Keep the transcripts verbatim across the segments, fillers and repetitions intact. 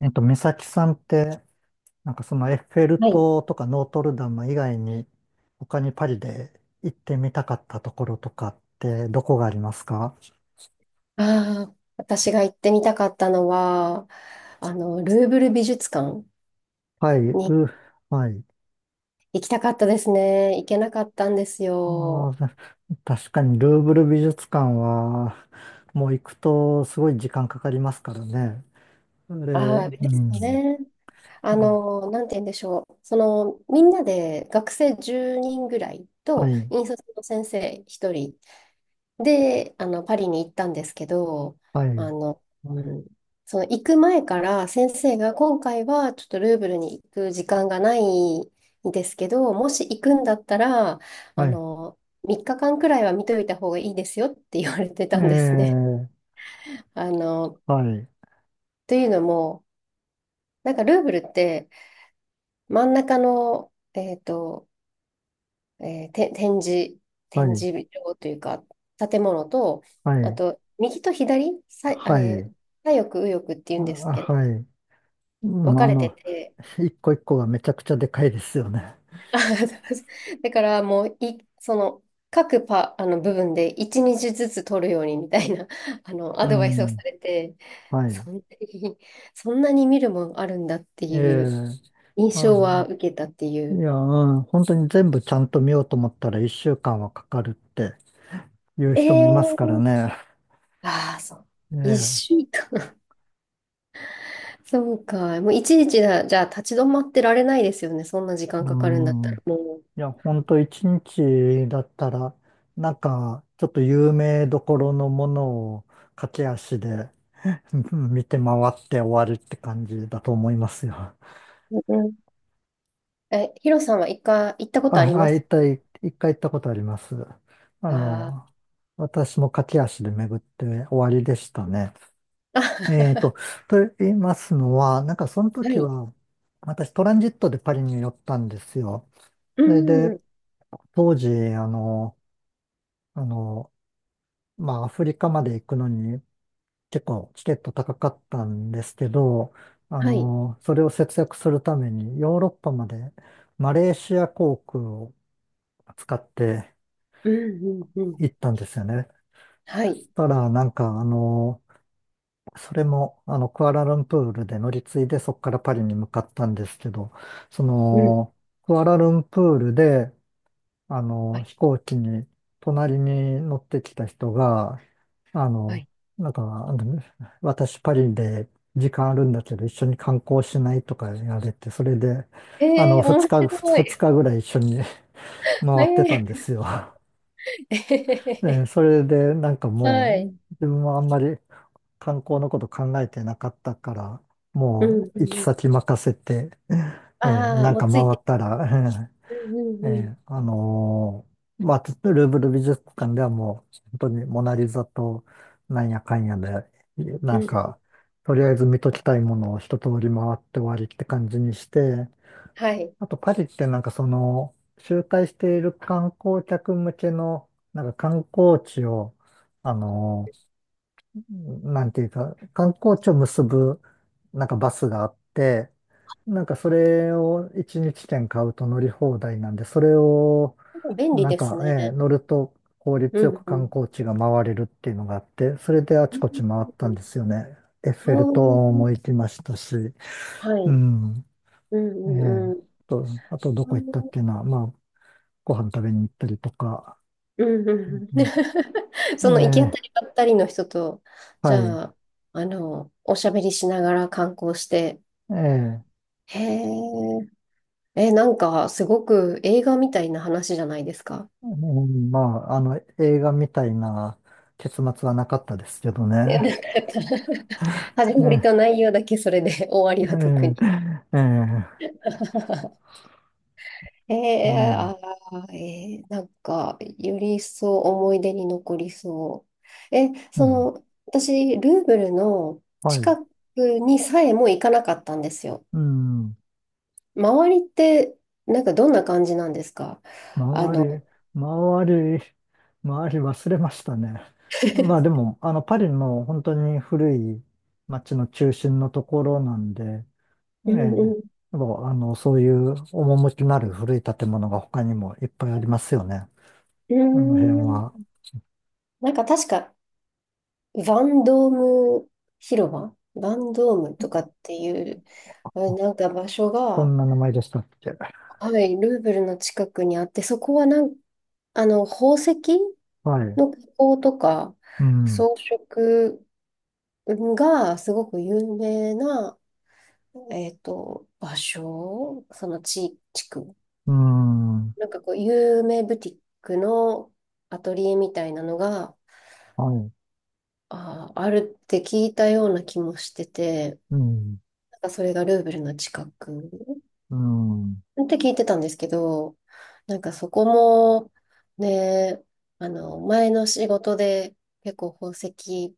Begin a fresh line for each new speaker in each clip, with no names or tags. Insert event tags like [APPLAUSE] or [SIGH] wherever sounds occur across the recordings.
えっと、美咲さんって、なんかそのエッフェル
はい。
塔とかノートルダム以外に、他にパリで行ってみたかったところとかってどこがありますか？
ああ、私が行ってみたかったのは、あの、ルーブル美術館
はい、
に
ル、はい。
行きたかったですね。行けなかったんです
あ
よ。
ー確かにルーブル美術館は、もう行くとすごい時間かかりますからね。あれ、
ああ、で
う
す
ん。
ね。あ
あ
の、なんて言うんでしょう。その、みんなで学生じゅうにんぐらい
は
と、
い、
引率の先生ひとりで、あの、パリに行ったんですけど、
は
あ
い、
の、うん、その行く前から先生が今回はちょっとルーブルに行く時間がないんですけど、もし行くんだったら、あ
はい。
の、みっかかんくらいは見といた方がいいですよって言われて
え
たんですね。
ー、
[LAUGHS] あの、
はい、
というのも、なんかルーブルって真ん中の、えっと、えーて、展示、
は
展
い、
示場というか、建物と、
は
あ
い、
と、右と左、さい、あ
は
れ、
い、
左翼、右翼っていう
あ
んですけど、
はい。う
分
ん、
か
あ
れて
の、
て、
一個一個がめちゃくちゃでかいですよね。
[LAUGHS] あ、だからもう、い、その、各パ、あの部分でいちにちずつ取るようにみたいな、[LAUGHS] あの、ア
う
ドバイスをさ
ん。
れて、
はい。
そんなに、そんなに見るもんあるんだって
え
い
え
う印
あ、
象は受けたってい
い
う。
や、うん、本当に全部ちゃんと見ようと思ったら一週間はかかるっていう
え
人もいますから
ー、
ね。
ああ、そう。一
ええ
週間。そうか。もういちいちだ、じゃあ立ち止まってられないですよね。そんな時間
う
かかるんだった
ん。い
ら。も
や、本当一日だったら、なんか、ちょっと有名どころのものを駆け足でうん見て回って終わるって感じだと思いますよ。
う。うん、え、ヒロさんは一回行ったことあり
あ、
ま
あ、
す
一回、一回行ったことあります。あ
かあ？
の、私も駆け足で巡って終わりでしたね。えーと、
[LAUGHS]
と言いますのは、なんかその
は
時
い。
は、私トランジットでパリに寄ったんですよ。
う
それで、
ん。
当時、あの、あの、まあ、アフリカまで行くのに結構チケット高かったんですけど、あ
はい。
の、それを節約するためにヨーロッパまでマレーシア航空を使って
うん、うん、うん。
行ったんですよね。
はい。
したら、なんか、あの、それも、あの、クアラルンプールで乗り継いで、そこからパリに向かったんですけど、そ
うん。
の、クアラルンプールで、あ
は
の、
い。
飛行機に、隣に乗ってきた人が、あ
は
の、
い。
なんか、あの私パリで時間あるんだけど、一緒に観光しないとか言われて、それで、あの、
えー、
二
面
日、ふつ
白
二
い。
日ぐらい一緒に回ってたんで
え
すよ。[LAUGHS]
ー、
え
[LAUGHS] え
ーそれで、なんか
ー
も
は
う、
い。
自分はあんまり、観光のこと考えてなかったから、
う
も
ん、う
う
んうんうんはいうんはいはいえー面白いえーえはいうん
行き
うんうん。
先任せて、えー
ああー、
なん
もう
か回
ついて。
ったら、[LAUGHS]
うん、
えー
うん、
えーあのーまあ、ルーブル美術館ではもう、本当にモナリザとなんやかんやで、
う
なん
ん。うん。
か、とりあえず見ときたいものを一通り回って終わりって感じにして、
はい。
あとパリってなんかその、周回している観光客向けの、なんか観光地を、あのーなんていうか、観光地を結ぶ、なんかバスがあって、なんかそれをいちにち券買うと乗り放題なんで、それを、
便利
なん
です
か、ええ
ね。
乗ると効率
う
よ
ん、
く
う
観
ん。
光地が回れるっていうのがあって、それであ
う
ち
ん
こち回っ
う
た
ん
ん
う
ですよね。エッ
ん
フェル
お
塔
ー、
も行きましたし、
は
う
い。
ん。
う
え
んうん
え
うん。
と、あとどこ行ったっていうのは、まあ、ご飯食べに行ったりとか、
うんうんうん
う
[LAUGHS]
ん
その行き当
え
たり
え
ばったりの人と、じ
はい。
ゃあ、あの、おしゃべりしながら観光して、
ええ
へえ、え、なんかすごく映画みたいな話じゃないですか？
うんまあ、あの、映画みたいな結末はなかったですけどね。
え、なんか [LAUGHS] 始
え
まり
え、
と内容だけそれで終わりは特
え
に。
え、ええ、
[LAUGHS] え
う
えあ
ん、
あー、えーなんか、より一層思い出に残りそう。え、
う
そ
ん、
の、私、ルーブルの
はい、
近くにさえも行かなかったんですよ。
うん、
周りって、なんかどんな感じなんですか？あ
周り、
の、
周り、周り忘れましたね。まあで
[LAUGHS]
も、あの、パリの本当に古い街の中心のところなんで、え
うんうん。
え、もう、あの、そういう趣のある古い建物が他にもいっぱいありますよね。
うー
あの辺は。
ん。なんか確か、バンドーム広場バンドームとかっていう、あ、なんか場所
そ
が、
んな名前でしたっけ。
はい、ルーブルの近くにあって、そこはなん、あの、宝石
はい。
の加工とか
うん、
装飾がすごく有名な、えっと、場所、その地、地区。
うん、は
なんかこう、有名ブティックのアトリエみたいなのが、
い、
あー、あるって聞いたような気もしてて、
うん、
なんかそれがルーブルの近く
うん、
って聞いてたんですけど、なんかそこも、ね、あの、前の仕事で結構宝石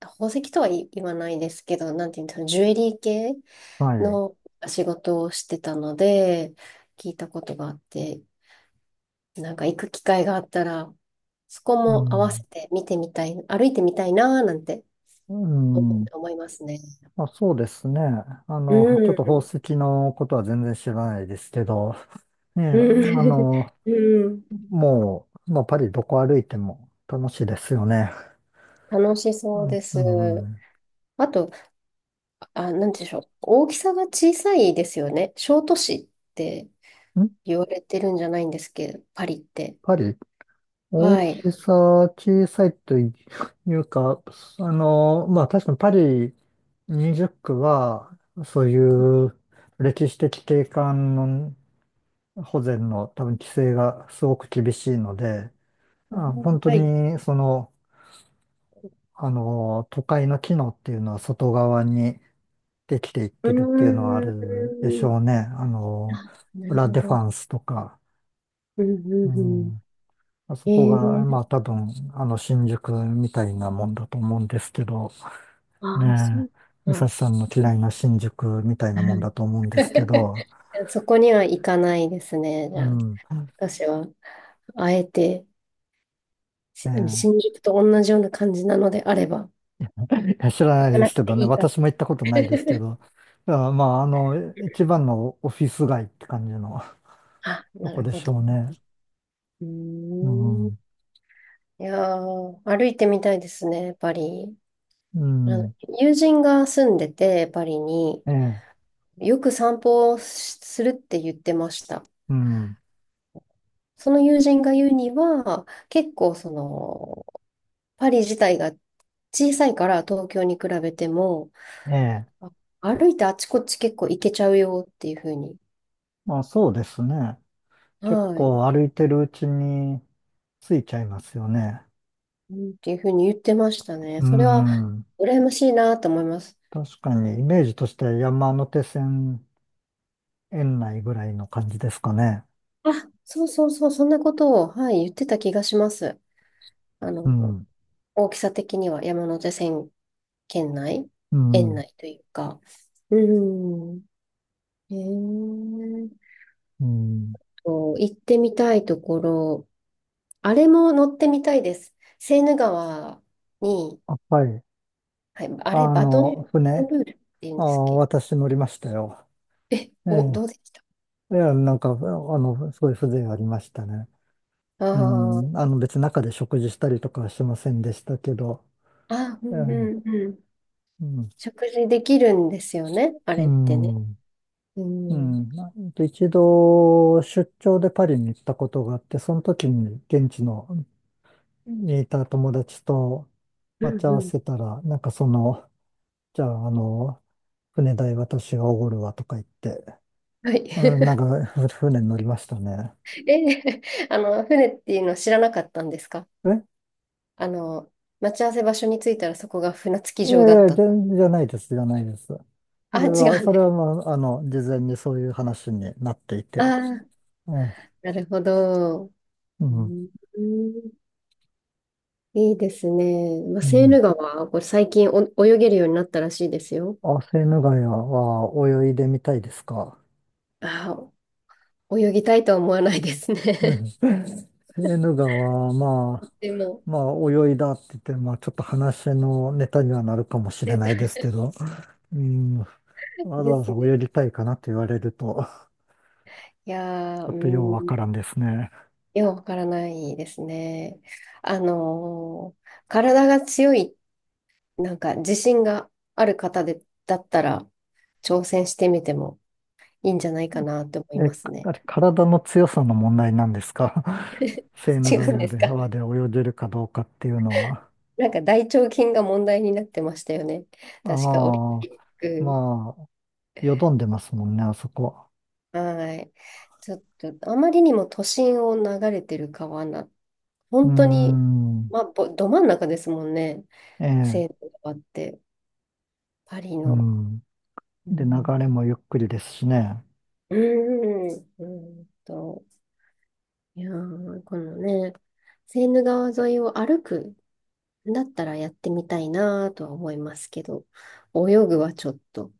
宝石とは言い言わないですけど、なんていうんですか、ジュエリー系
はい、
の仕事をしてたので、聞いたことがあって、なんか行く機会があったら、そこ
う
も合わせ
ん、
て見てみたい、歩いてみたいなーなんて
う
思
ん、
思いますね。
あ、そうですね。あ
う
の、ちょっと宝
ん。
石のことは全然知らないですけど、ねえ、
う
あ
ん。
の、
[LAUGHS] うん、
もう、もうパリどこ歩いても楽しいですよね。
楽し
う
そうで
ん、うん、
す。
ん
あと、あ、なんて言うんでしょう。大きさが小さいですよね。小都市って言われてるんじゃないんですけど、パリって。
パリ大
はい。
きさ、小さいというか、あの、まあ確かにパリにじゅっく区は、そういう歴史的景観の保全の多分規制がすごく厳しいので、
あ
あ、本当
はい
にその、あの、都会の機能っていうのは外側にできていっ
う
てるっていうのはあるでし
ーん。
ょうね。あの、
あ、なる
ラ・
ほ
デフ
ど。
ァンスとか。
うんう
う
んうん。
んあそこ
え
が、
え
まあ多分、あの、新宿みたいなもんだと思うんですけど、
ああ、そ
ね
う
え、美
か。
咲さんの
う
嫌いな新宿みたいなもん
ん
だと思うんですけど、
[LAUGHS] そこには行かないですね。じ
う
ゃあ、
ん、
私は、あえて、し
ね
新宿と同じような感じなのであれば、
え、いや知ら
行
ない
か
で
な
す
く
け
て
どね、
いいから。
私も行ったことないですけ
[LAUGHS]
ど、いやまあ、あの、一番のオフィス街って感じの
あ、
[LAUGHS] と
な
こ
る
で
ほ
し
ど。
ょうね。
う
う
ーん。い
ん、
やー、歩いてみたいですね、パリ。
う
あの
ん、
友人が住んでて、パリに、
ええ、
よく散歩をしするって言ってました。
うん、
その友人が言うには、結構その、パリ自体が小さいから東京に比べても、
ええ、
あ歩いてあちこち結構行けちゃうよっていうふうに、
まあそうですね。
は
結
い、
構歩いてるうちに着いちゃいますよね。
うんっていうふうに言ってましたね。
う
それは
ん。
羨ましいなと思います。
確かに、イメージとしては山手線園内ぐらいの感じですかね。
あ、そうそうそう、そんなことを、はい、言ってた気がします。あ
う
の、
ん、
大きさ的には山手線圏内、
う
園
ん、
内というか。うん。へえ。
うん。
と行ってみたいところ、あれも乗ってみたいです。セーヌ川に、
あはい。
はい、あれ、
あ
バトン、バ
の、
トン
船、
ルールって言うん
あ、
ですっけ
私乗りましたよ。
え？
え
お、どうでした
え、いや、なんか、あの、すごい風情ありましたね。
あ
う
あー？
ん、あの、別に中で食事したりとかはしませんでしたけど、
あ、う
え
ん
え、
うんうん。
うん、
食事できるんですよね、あ
う
れってね。
ん、
う
う
ん。
ん。なん一度、出張でパリに行ったことがあって、その時に現地のにいた友達と
う
待ち
ん
合
う
わ
ん。
せたら、なんかその、じゃあ、あの、船代私がおごるわとか言って、
は
えーなん
い。
かふ船に乗りましたね。
[LAUGHS] え、あの、船っていうの知らなかったんですか？
え
あの、待ち合わせ場所に着いたらそこが船着き
い
場
やい
だっ
や、じ
た。
ゃ、じゃないです、じゃないです。そ
あ、
れ
違
は、
う。
それはまあ、あの、事前にそういう話になってい
あ
て。
あ、
えー
なるほど。
う
う
ん、
ん、いいですね。まあ、
う
セー
ん。
ヌ川、これ最近お泳げるようになったらしいですよ。
あ、セーヌ川は泳いでみたいですか？
ああ、泳ぎたいとは思わないです
う
ね。
んセーヌ川は、まあ、
[LAUGHS] でも、
まあ、泳いだって言って、まあ、ちょっと話のネタにはなるかも
[LAUGHS]
しれ
レト
ないですけ
ル
ど、うん、わざ
で
わ
す
ざ
ね。
泳ぎたいかなって言われると、
いや
ち
ー、う
ょっとようわ
ん、
か
い
らんですね。
や、わからないですね。あのー体が強い、なんか自信がある方で、だったら、挑戦してみてもいいんじゃないかなって思い
え、
ますね。
あれ、体の強さの問題なんですか？ [LAUGHS] セー
[LAUGHS]
ヌ
違
川
うんです
で、
か？
川で泳げるかどうかっていうのは。
なんか大腸菌が問題になってましたよね。
あ
確か、オリン
あ、
ピック。
まあ、よどんでますもんね、あそこ。
はい。ちょっと、あまりにも都心を流れてる川な、
うー
本当に、
ん、
まあ、ぼど真ん中ですもんね。
ええ、
セーヌ川って、パリ
う
の。
ん。
う
で、流
ん、
れもゆっくりですしね。
うーん、うーんと、いやー、このね、セーヌ川沿いを歩くんだったらやってみたいなとは思いますけど、泳ぐはちょっと。